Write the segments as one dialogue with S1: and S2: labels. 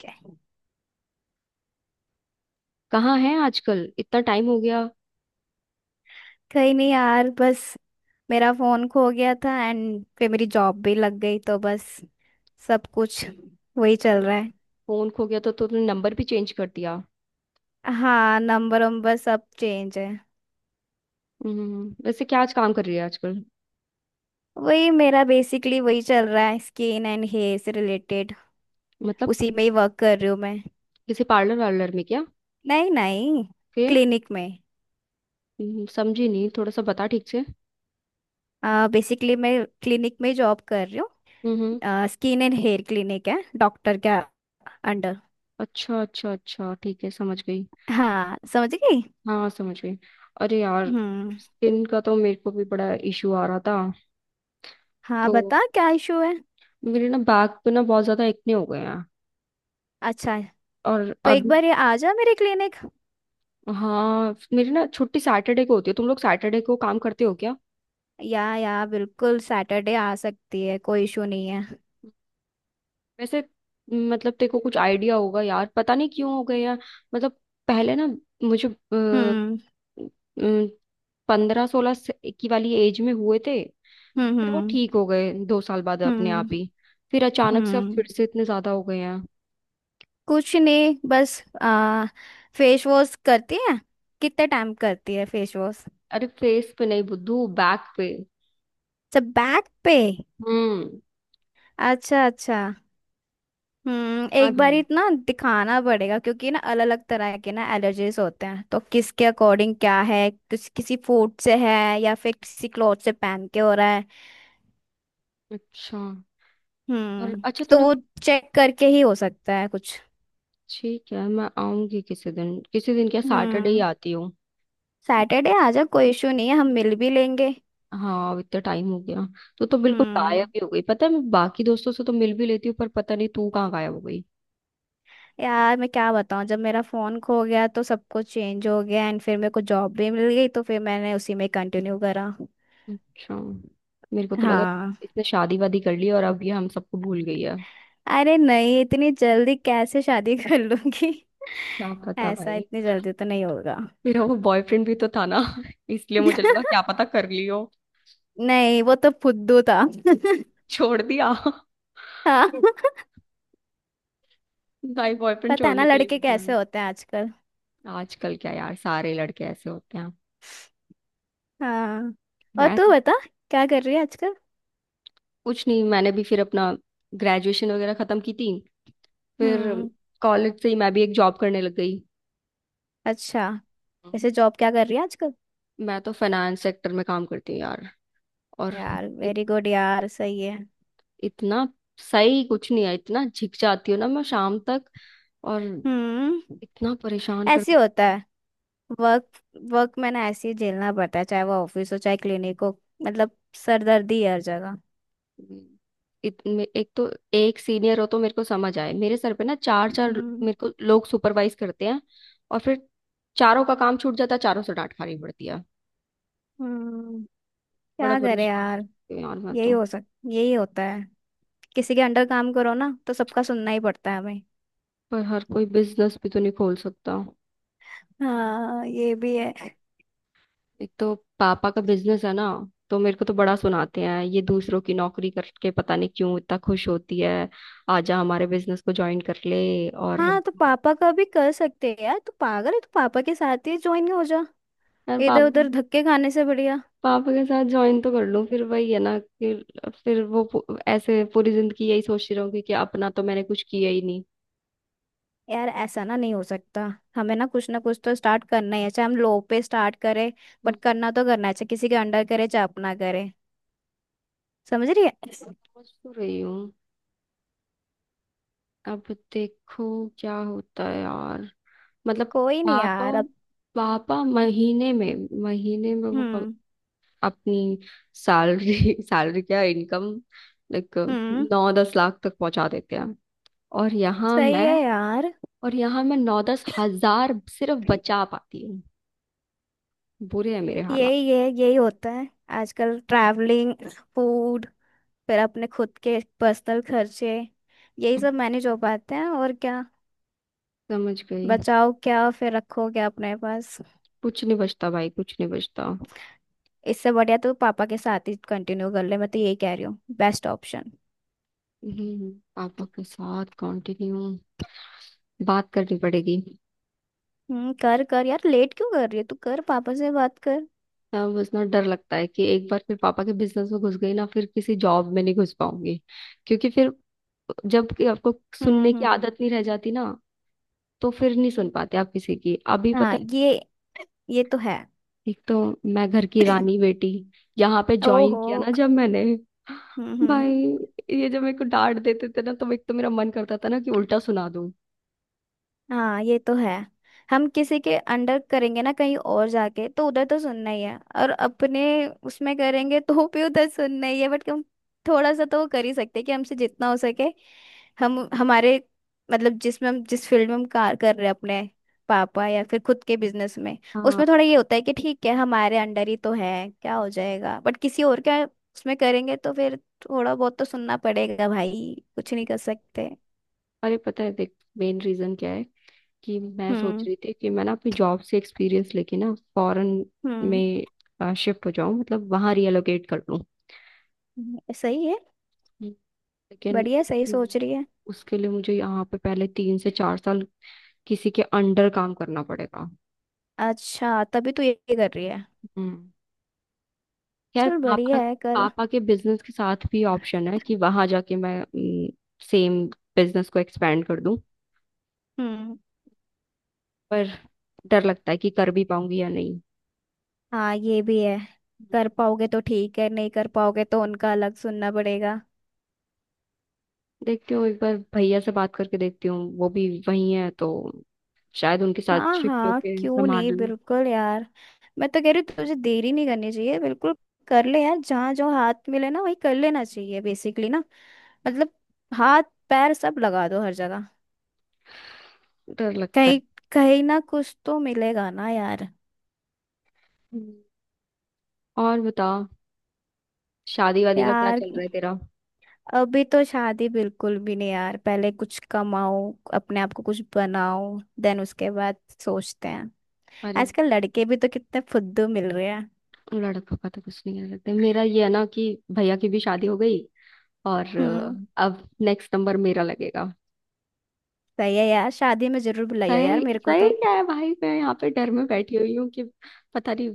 S1: क्या-
S2: कहाँ है आजकल? इतना टाइम हो गया।
S1: कहीं नहीं यार बस। मेरा फोन खो गया था एंड फिर मेरी जॉब भी लग गई तो बस सब कुछ वही
S2: अरे,
S1: चल रहा है।
S2: फोन खो गया तो तुमने नंबर भी चेंज कर दिया?
S1: हाँ, नंबर वंबर सब चेंज है।
S2: हम्म। वैसे क्या आज काम कर रही है आजकल?
S1: वही, मेरा बेसिकली वही चल रहा है, स्किन एंड हेयर से रिलेटेड।
S2: मतलब,
S1: उसी में ही वर्क कर रही हूँ मैं।
S2: किसी पार्लर वार्लर में क्या?
S1: नहीं नहीं।
S2: फिर?
S1: क्लिनिक में।
S2: समझी नहीं, थोड़ा सा बता ठीक से।
S1: बेसिकली मैं क्लिनिक में जॉब कर रही
S2: हम्म।
S1: हूँ। स्किन एंड हेयर क्लिनिक है डॉक्टर के अंडर।
S2: अच्छा अच्छा अच्छा, ठीक है, समझ गई।
S1: हाँ समझ गई।
S2: हाँ, समझ गई। अरे यार,
S1: हम्म।
S2: स्किन का तो मेरे को भी बड़ा इशू आ रहा था।
S1: हाँ,
S2: तो
S1: बता क्या इशू है।
S2: मेरे ना बैक पे ना बहुत ज्यादा एक्ने हो गए हैं।
S1: अच्छा।
S2: और
S1: तो एक
S2: अभी,
S1: बार ये आ जा मेरे क्लिनिक।
S2: हाँ, मेरी ना छुट्टी सैटरडे को होती है, तुम लोग सैटरडे को काम करते हो क्या?
S1: या, बिल्कुल सैटरडे आ सकती है, कोई इशू नहीं है।
S2: वैसे, मतलब तेरे को कुछ आइडिया होगा यार, पता नहीं क्यों हो गए यार। मतलब, पहले ना मुझे
S1: हम्म,
S2: 15-16 की वाली एज में हुए थे।
S1: हम्म,
S2: फिर वो
S1: हम्म,
S2: ठीक हो गए 2 साल बाद अपने
S1: हम्म,
S2: आप ही। फिर अचानक से अब फिर
S1: हम्म।
S2: से इतने ज्यादा हो गए हैं।
S1: कुछ नहीं बस फेस वॉश करती है। कितने टाइम करती है फेस वॉश?
S2: अरे, फेस पे नहीं बुद्धू, बैक पे।
S1: अच्छा, बैक पे।
S2: हम्म।
S1: अच्छा अच्छा। हम्म,
S2: हाँ
S1: एक बार
S2: ध्यान।
S1: इतना दिखाना पड़ेगा क्योंकि ना अलग अलग तरह के ना एलर्जीज होते हैं तो किसके अकॉर्डिंग क्या है, किसी फूड से है या फिर किसी क्लॉथ से पहन के हो रहा है।
S2: अच्छा, और
S1: हम्म।
S2: अच्छा
S1: तो
S2: तूने
S1: वो
S2: वो,
S1: चेक करके ही हो सकता है कुछ।
S2: ठीक है मैं आऊंगी किसी दिन। किसी दिन क्या, सैटरडे ही
S1: हम्म।
S2: आती हूँ।
S1: सैटरडे आ जा, कोई इशू नहीं है, हम मिल भी लेंगे।
S2: हाँ, अब इतना टाइम हो गया तो बिल्कुल गायब
S1: हम्म।
S2: ही हो गई। पता है, मैं बाकी दोस्तों से तो मिल भी लेती हूँ पर पता नहीं तू कहाँ गायब हो गई।
S1: यार मैं क्या बताऊं, जब मेरा फोन खो गया तो सब कुछ चेंज हो गया एंड फिर मेरे को जॉब भी मिल गई तो फिर मैंने उसी में कंटिन्यू करा।
S2: अच्छा, मेरे को तो लगा
S1: हाँ।
S2: इसने शादी वादी कर ली और अब ये हम सबको भूल गई है।
S1: अरे नहीं, इतनी जल्दी कैसे शादी कर लूंगी।
S2: क्या पता
S1: ऐसा
S2: भाई,
S1: इतनी जल्दी तो नहीं होगा।
S2: मेरा वो बॉयफ्रेंड भी तो था ना इसलिए मुझे लगा क्या पता कर ली हो।
S1: नहीं, वो तो फुद्दू था।
S2: छोड़ दिया
S1: हाँ।
S2: भाई, बॉयफ्रेंड
S1: पता है ना
S2: छोड़ने के लिए
S1: लड़के
S2: होते
S1: कैसे
S2: हैं।
S1: होते हैं आजकल।
S2: आजकल क्या यार, सारे लड़के ऐसे होते हैं।
S1: हाँ। और
S2: मैं,
S1: तू बता, क्या कर रही है आजकल।
S2: कुछ नहीं, मैंने भी फिर अपना ग्रेजुएशन वगैरह खत्म की थी। फिर
S1: हम्म।
S2: कॉलेज से ही मैं भी एक जॉब करने लग गई।
S1: अच्छा। ऐसे जॉब क्या कर रही है आजकल?
S2: मैं तो फाइनेंस सेक्टर में काम करती हूँ यार। और
S1: यार
S2: इत,
S1: वेरी गुड यार, सही है।
S2: इतना सही कुछ नहीं है, इतना झिक जाती हूँ ना मैं शाम तक। और
S1: हम्म।
S2: इतना परेशान कर,
S1: ऐसे होता है। वर्क वर्क में ना ऐसे ही झेलना पड़ता है, चाहे वो ऑफिस हो चाहे क्लिनिक हो। मतलब सरदर्दी है हर जगह।
S2: एक तो एक सीनियर हो तो मेरे को समझ आए, मेरे सर पे ना चार चार
S1: हम्म,
S2: मेरे को लोग सुपरवाइज करते हैं। और फिर चारों का काम छूट जाता है, चारों से डांट खानी पड़ती है।
S1: हम्म।
S2: बड़ा
S1: क्या करे
S2: परेशान हो
S1: यार।
S2: जाती हूँ यार मैं
S1: यही
S2: तो।
S1: हो सक यही होता है। किसी के अंडर काम करो ना तो सबका सुनना ही पड़ता है हमें।
S2: पर हर कोई बिजनेस भी तो नहीं खोल सकता।
S1: हाँ ये भी है।
S2: एक तो पापा का बिजनेस है ना, तो मेरे को तो बड़ा सुनाते हैं ये, दूसरों की नौकरी करके पता नहीं क्यों इतना खुश होती है। आजा हमारे बिजनेस को ज्वाइन कर ले। और
S1: हाँ, तो पापा का भी कर सकते हैं यार, तू पागल है, तू पापा के साथ ही ज्वाइन हो जा।
S2: यार
S1: इधर
S2: पाप,
S1: उधर धक्के खाने से बढ़िया।
S2: पापा के साथ ज्वाइन तो कर लूं फिर वही है ना कि फिर ऐसे पूरी जिंदगी यही सोचती रहूंगी कि अपना तो मैंने कुछ किया ही नहीं।
S1: यार ऐसा ना, नहीं हो सकता। हमें ना कुछ तो स्टार्ट करना ही है, चाहे हम लो पे स्टार्ट करें।
S2: हम्म,
S1: बट करना तो करना है, चाहे किसी के अंडर करे चाहे अपना करे। समझ रही है।
S2: सोच तो रही हूँ। अब देखो क्या होता है यार। मतलब
S1: कोई नहीं
S2: पापा,
S1: यार अब।
S2: पापा महीने में वो
S1: हम्म,
S2: अपनी सैलरी, सैलरी क्या इनकम, लाइक
S1: हम्म।
S2: 9-10 लाख तक पहुंचा देते हैं। और यहाँ
S1: सही
S2: मैं,
S1: है यार।
S2: और यहाँ मैं 9-10 हजार सिर्फ बचा पाती हूँ। बुरे हैं मेरे हालात।
S1: यही है, यही होता है आजकल। ट्रैवलिंग, फूड, फिर अपने खुद के पर्सनल खर्चे, यही
S2: हम्म,
S1: सब मैनेज हो पाते हैं, और क्या।
S2: समझ गई।
S1: बचाओ क्या फिर, रखो क्या अपने पास।
S2: कुछ नहीं बचता भाई, कुछ नहीं बचता।
S1: इससे बढ़िया तो पापा के साथ ही कंटिन्यू कर ले, मैं तो यही कह रही हूँ, बेस्ट ऑप्शन।
S2: पापा के साथ कंटिन्यू, बात करनी पड़ेगी।
S1: हम्म, कर कर यार, लेट क्यों कर रही है तू, कर, पापा से बात कर।
S2: अब उतना डर लगता है कि एक बार फिर पापा के बिजनेस में घुस गई ना फिर किसी जॉब में नहीं घुस पाऊंगी। क्योंकि फिर जब कि आपको
S1: हम्म,
S2: सुनने की
S1: हम्म।
S2: आदत नहीं रह जाती ना तो फिर नहीं सुन पाते आप किसी की। अभी
S1: हाँ,
S2: पता है,
S1: ये तो है।
S2: एक तो मैं घर की रानी बेटी, यहाँ पे ज्वाइन
S1: ओहो।
S2: किया ना जब मैंने,
S1: हम्म, हम्म।
S2: भाई, ये जब मेरे को डांट देते थे ना तो एक तो मेरा मन करता था ना कि उल्टा सुना दूं।
S1: हाँ ये तो है। हम किसी के अंडर करेंगे ना, कहीं और जाके तो उधर तो सुनना ही है, और अपने उसमें करेंगे तो भी उधर सुनना ही है। बट हम थोड़ा सा तो वो कर ही सकते हैं कि हमसे जितना हो सके। हम हमारे मतलब, जिसमें हम जिस फील्ड में हम कार कर रहे हैं अपने पापा या फिर खुद के बिजनेस में।
S2: हाँ,
S1: उसमें थोड़ा ये होता है कि ठीक है, हमारे अंडर ही तो है, क्या हो जाएगा। बट किसी और के उसमें करेंगे तो फिर थोड़ा बहुत तो सुनना पड़ेगा भाई, कुछ नहीं कर सकते।
S2: अरे पता है, देख मेन रीजन क्या है कि मैं सोच
S1: हम्म,
S2: रही थी कि मैं ना अपनी जॉब से एक्सपीरियंस लेके ना फॉरेन
S1: हम्म।
S2: में शिफ्ट हो जाऊं, मतलब वहां रीएलोकेट कर लूं।
S1: सही है,
S2: हम्म। लेकिन
S1: बढ़िया, सही
S2: उसके
S1: सोच रही है।
S2: उसके लिए मुझे यहाँ पे पहले 3 से 4 साल किसी के अंडर काम करना पड़ेगा।
S1: अच्छा तभी तो ये कर रही है।
S2: हम्म। यार
S1: चल
S2: पापा
S1: बढ़िया है, कर।
S2: पापा के बिजनेस के साथ भी ऑप्शन है कि वहां जाके मैं सेम बिजनेस को एक्सपेंड कर दूं।
S1: हम्म।
S2: पर डर लगता है कि कर भी पाऊंगी या नहीं।
S1: हाँ ये भी है।
S2: हम्म।
S1: कर पाओगे तो ठीक है, नहीं कर पाओगे तो उनका अलग सुनना पड़ेगा।
S2: देखती हूँ, एक बार भैया से बात करके देखती हूँ, वो भी वही है तो शायद उनके साथ
S1: हाँ
S2: शिफ्ट
S1: हाँ
S2: होके
S1: क्यों
S2: संभाल
S1: नहीं,
S2: लूं।
S1: बिल्कुल यार। मैं तो कह रही हूँ तुझे देरी नहीं करनी चाहिए बिल्कुल। कर ले यार, जहाँ जो हाथ मिले ना वही कर लेना चाहिए बेसिकली ना। मतलब हाथ पैर सब लगा दो हर जगह।
S2: डर लगता है।
S1: कहीं कहीं ना कुछ तो मिलेगा ना यार।
S2: हम्म। और बता, शादी वादी का क्या
S1: यार
S2: चल रहा है तेरा?
S1: अभी तो शादी बिल्कुल भी नहीं यार, पहले कुछ कमाओ, अपने आप को कुछ बनाओ, देन उसके बाद सोचते हैं।
S2: अरे,
S1: आजकल लड़के भी तो कितने फुद्दू मिल रहे हैं।
S2: लड़कों का तो कुछ नहीं कह सकते, मेरा ये है ना कि भैया की भी शादी हो गई और
S1: हम्म।
S2: अब नेक्स्ट नंबर मेरा लगेगा।
S1: सही है यार, शादी में जरूर बुलाइयो यार,
S2: सही
S1: मेरे को
S2: सही
S1: तो।
S2: क्या है भाई, मैं यहाँ पे डर में बैठी हुई हूँ कि पता नहीं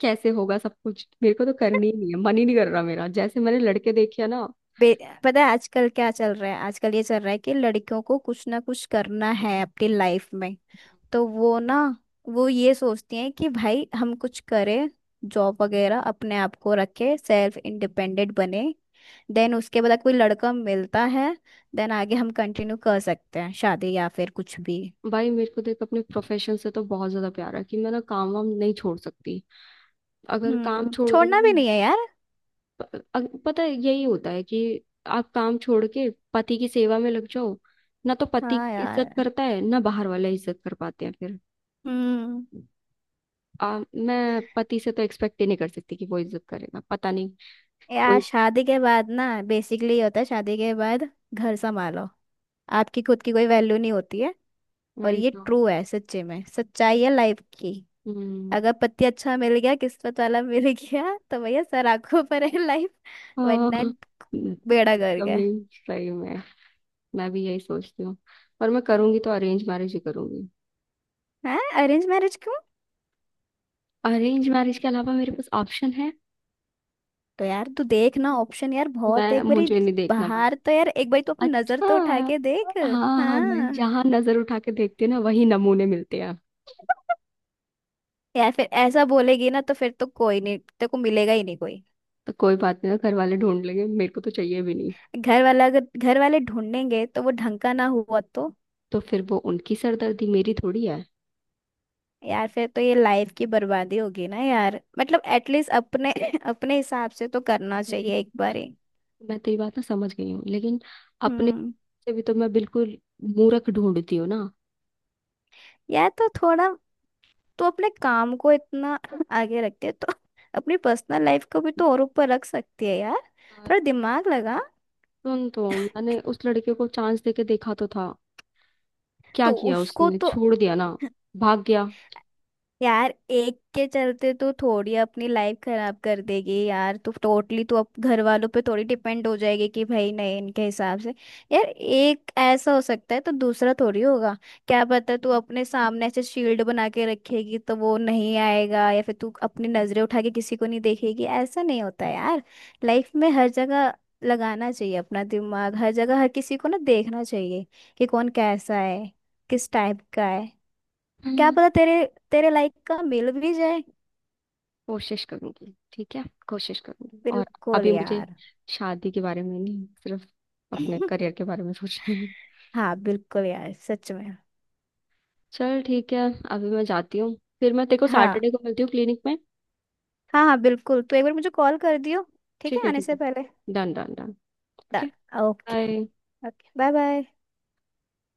S2: कैसे होगा सब कुछ। मेरे को तो करनी ही नहीं है, मन ही नहीं कर रहा मेरा, जैसे मैंने लड़के देखे हैं ना।
S1: बे- पता है आजकल क्या चल रहा है? आजकल ये चल रहा है कि लड़कियों को कुछ ना कुछ करना है अपनी लाइफ में। तो वो ये सोचती हैं कि भाई हम कुछ करें, जॉब वगैरह, अपने आप को रखे, सेल्फ इंडिपेंडेंट बने। देन उसके बाद कोई लड़का मिलता है। देन आगे हम कंटिन्यू कर सकते हैं शादी या फिर कुछ भी।
S2: भाई मेरे को देख, अपने प्रोफेशन से तो बहुत ज्यादा प्यार है कि मैं ना काम वाम नहीं छोड़ सकती। अगर काम
S1: हम्म,
S2: छोड़ दूँ,
S1: छोड़ना भी नहीं है यार।
S2: पता है यही होता है कि आप काम छोड़ के पति की सेवा में लग जाओ ना तो पति
S1: हाँ
S2: इज्जत
S1: यार।
S2: करता है ना बाहर वाले इज्जत कर पाते हैं फिर।
S1: हम्म।
S2: मैं पति से तो एक्सपेक्ट ही नहीं कर सकती कि वो इज्जत करेगा, पता नहीं।
S1: यार
S2: कोई,
S1: शादी के बाद ना, बेसिकली ये होता है शादी के बाद घर संभालो, आपकी खुद की कोई वैल्यू नहीं होती है। और
S2: वही
S1: ये
S2: तो।
S1: ट्रू है, सच्चे में सच्चाई है लाइफ की।
S2: हम्म।
S1: अगर पति अच्छा मिल गया, किस्मत वाला मिल गया, तो भैया सर आंखों पर है लाइफ। वरना
S2: हाँ,
S1: बेड़ा गर्क
S2: एकदम
S1: है।
S2: ही सही में मैं भी यही सोचती हूँ। और मैं करूंगी तो अरेंज मैरिज ही करूंगी।
S1: हैं, अरेंज मैरिज क्यों?
S2: अरेंज मैरिज के अलावा मेरे पास ऑप्शन है?
S1: तो यार तू देख ना, ऑप्शन यार बहुत है
S2: मैं
S1: एक बारी।
S2: मुझे नहीं देखना भाई।
S1: बाहर तो यार, एक बारी तू अपनी नजर
S2: अच्छा
S1: तो उठा के
S2: हाँ
S1: देख।
S2: हाँ, मैं
S1: हाँ।
S2: जहाँ नजर उठा के देखती हूँ ना वही नमूने मिलते हैं।
S1: यार फिर ऐसा बोलेगी ना तो फिर तो कोई नहीं, तेरे को मिलेगा ही नहीं कोई।
S2: तो कोई बात नहीं, घर वाले ढूंढ लेंगे, मेरे को तो चाहिए भी नहीं।
S1: घर वाला अगर घर वाले ढूंढेंगे तो वो ढंग का ना हुआ तो?
S2: तो फिर वो उनकी सरदर्दी, मेरी थोड़ी है।
S1: यार फिर तो ये लाइफ की बर्बादी होगी ना यार, मतलब एटलीस्ट अपने अपने हिसाब से तो करना चाहिए एक बारी।
S2: मैं तेरी बात ना समझ गई हूँ लेकिन अपने
S1: हम्म।
S2: से भी तो मैं बिल्कुल मूर्ख ढूंढती हूँ ना।
S1: यार तो थोड़ा, तो अपने काम को इतना आगे रखते है तो अपनी पर्सनल लाइफ को भी तो और ऊपर रख सकती है यार।
S2: यार,
S1: थोड़ा दिमाग लगा।
S2: सुन तो, मैंने उस लड़के को चांस देके देखा तो था, क्या
S1: तो
S2: किया
S1: उसको
S2: उसने,
S1: तो
S2: छोड़ दिया ना, भाग गया।
S1: यार एक के चलते तो थोड़ी अपनी लाइफ खराब कर देगी यार, तो टोटली तो अब घर वालों पे थोड़ी डिपेंड हो जाएगी कि भाई नहीं इनके हिसाब से। यार एक ऐसा हो सकता है तो दूसरा थोड़ी होगा। क्या पता, तू अपने सामने ऐसे शील्ड बना के रखेगी तो वो नहीं आएगा, या फिर तू अपनी नजरें उठा के किसी को नहीं देखेगी, ऐसा नहीं होता यार। लाइफ में हर जगह लगाना चाहिए अपना दिमाग, हर जगह हर किसी को ना देखना चाहिए कि कौन कैसा है, किस टाइप का है। क्या
S2: हम्म,
S1: पता तेरे तेरे लाइक का मिल भी जाए।
S2: कोशिश करूंगी, ठीक है, कोशिश करूंगी। और
S1: बिल्कुल
S2: अभी मुझे
S1: यार।
S2: शादी के बारे में नहीं, सिर्फ अपने करियर के बारे में सोचना है।
S1: हाँ बिल्कुल यार, सच में।
S2: चल ठीक है, अभी मैं जाती हूँ, फिर मैं तेरे को
S1: हाँ
S2: सैटरडे को मिलती हूँ क्लिनिक में।
S1: हाँ हाँ बिल्कुल, तो एक बार मुझे कॉल कर दियो, ठीक
S2: ठीक
S1: है,
S2: है
S1: आने
S2: ठीक
S1: से
S2: है।
S1: पहले।
S2: Done done done. Okay.
S1: Done. Okay.
S2: Bye.
S1: Okay, bye bye.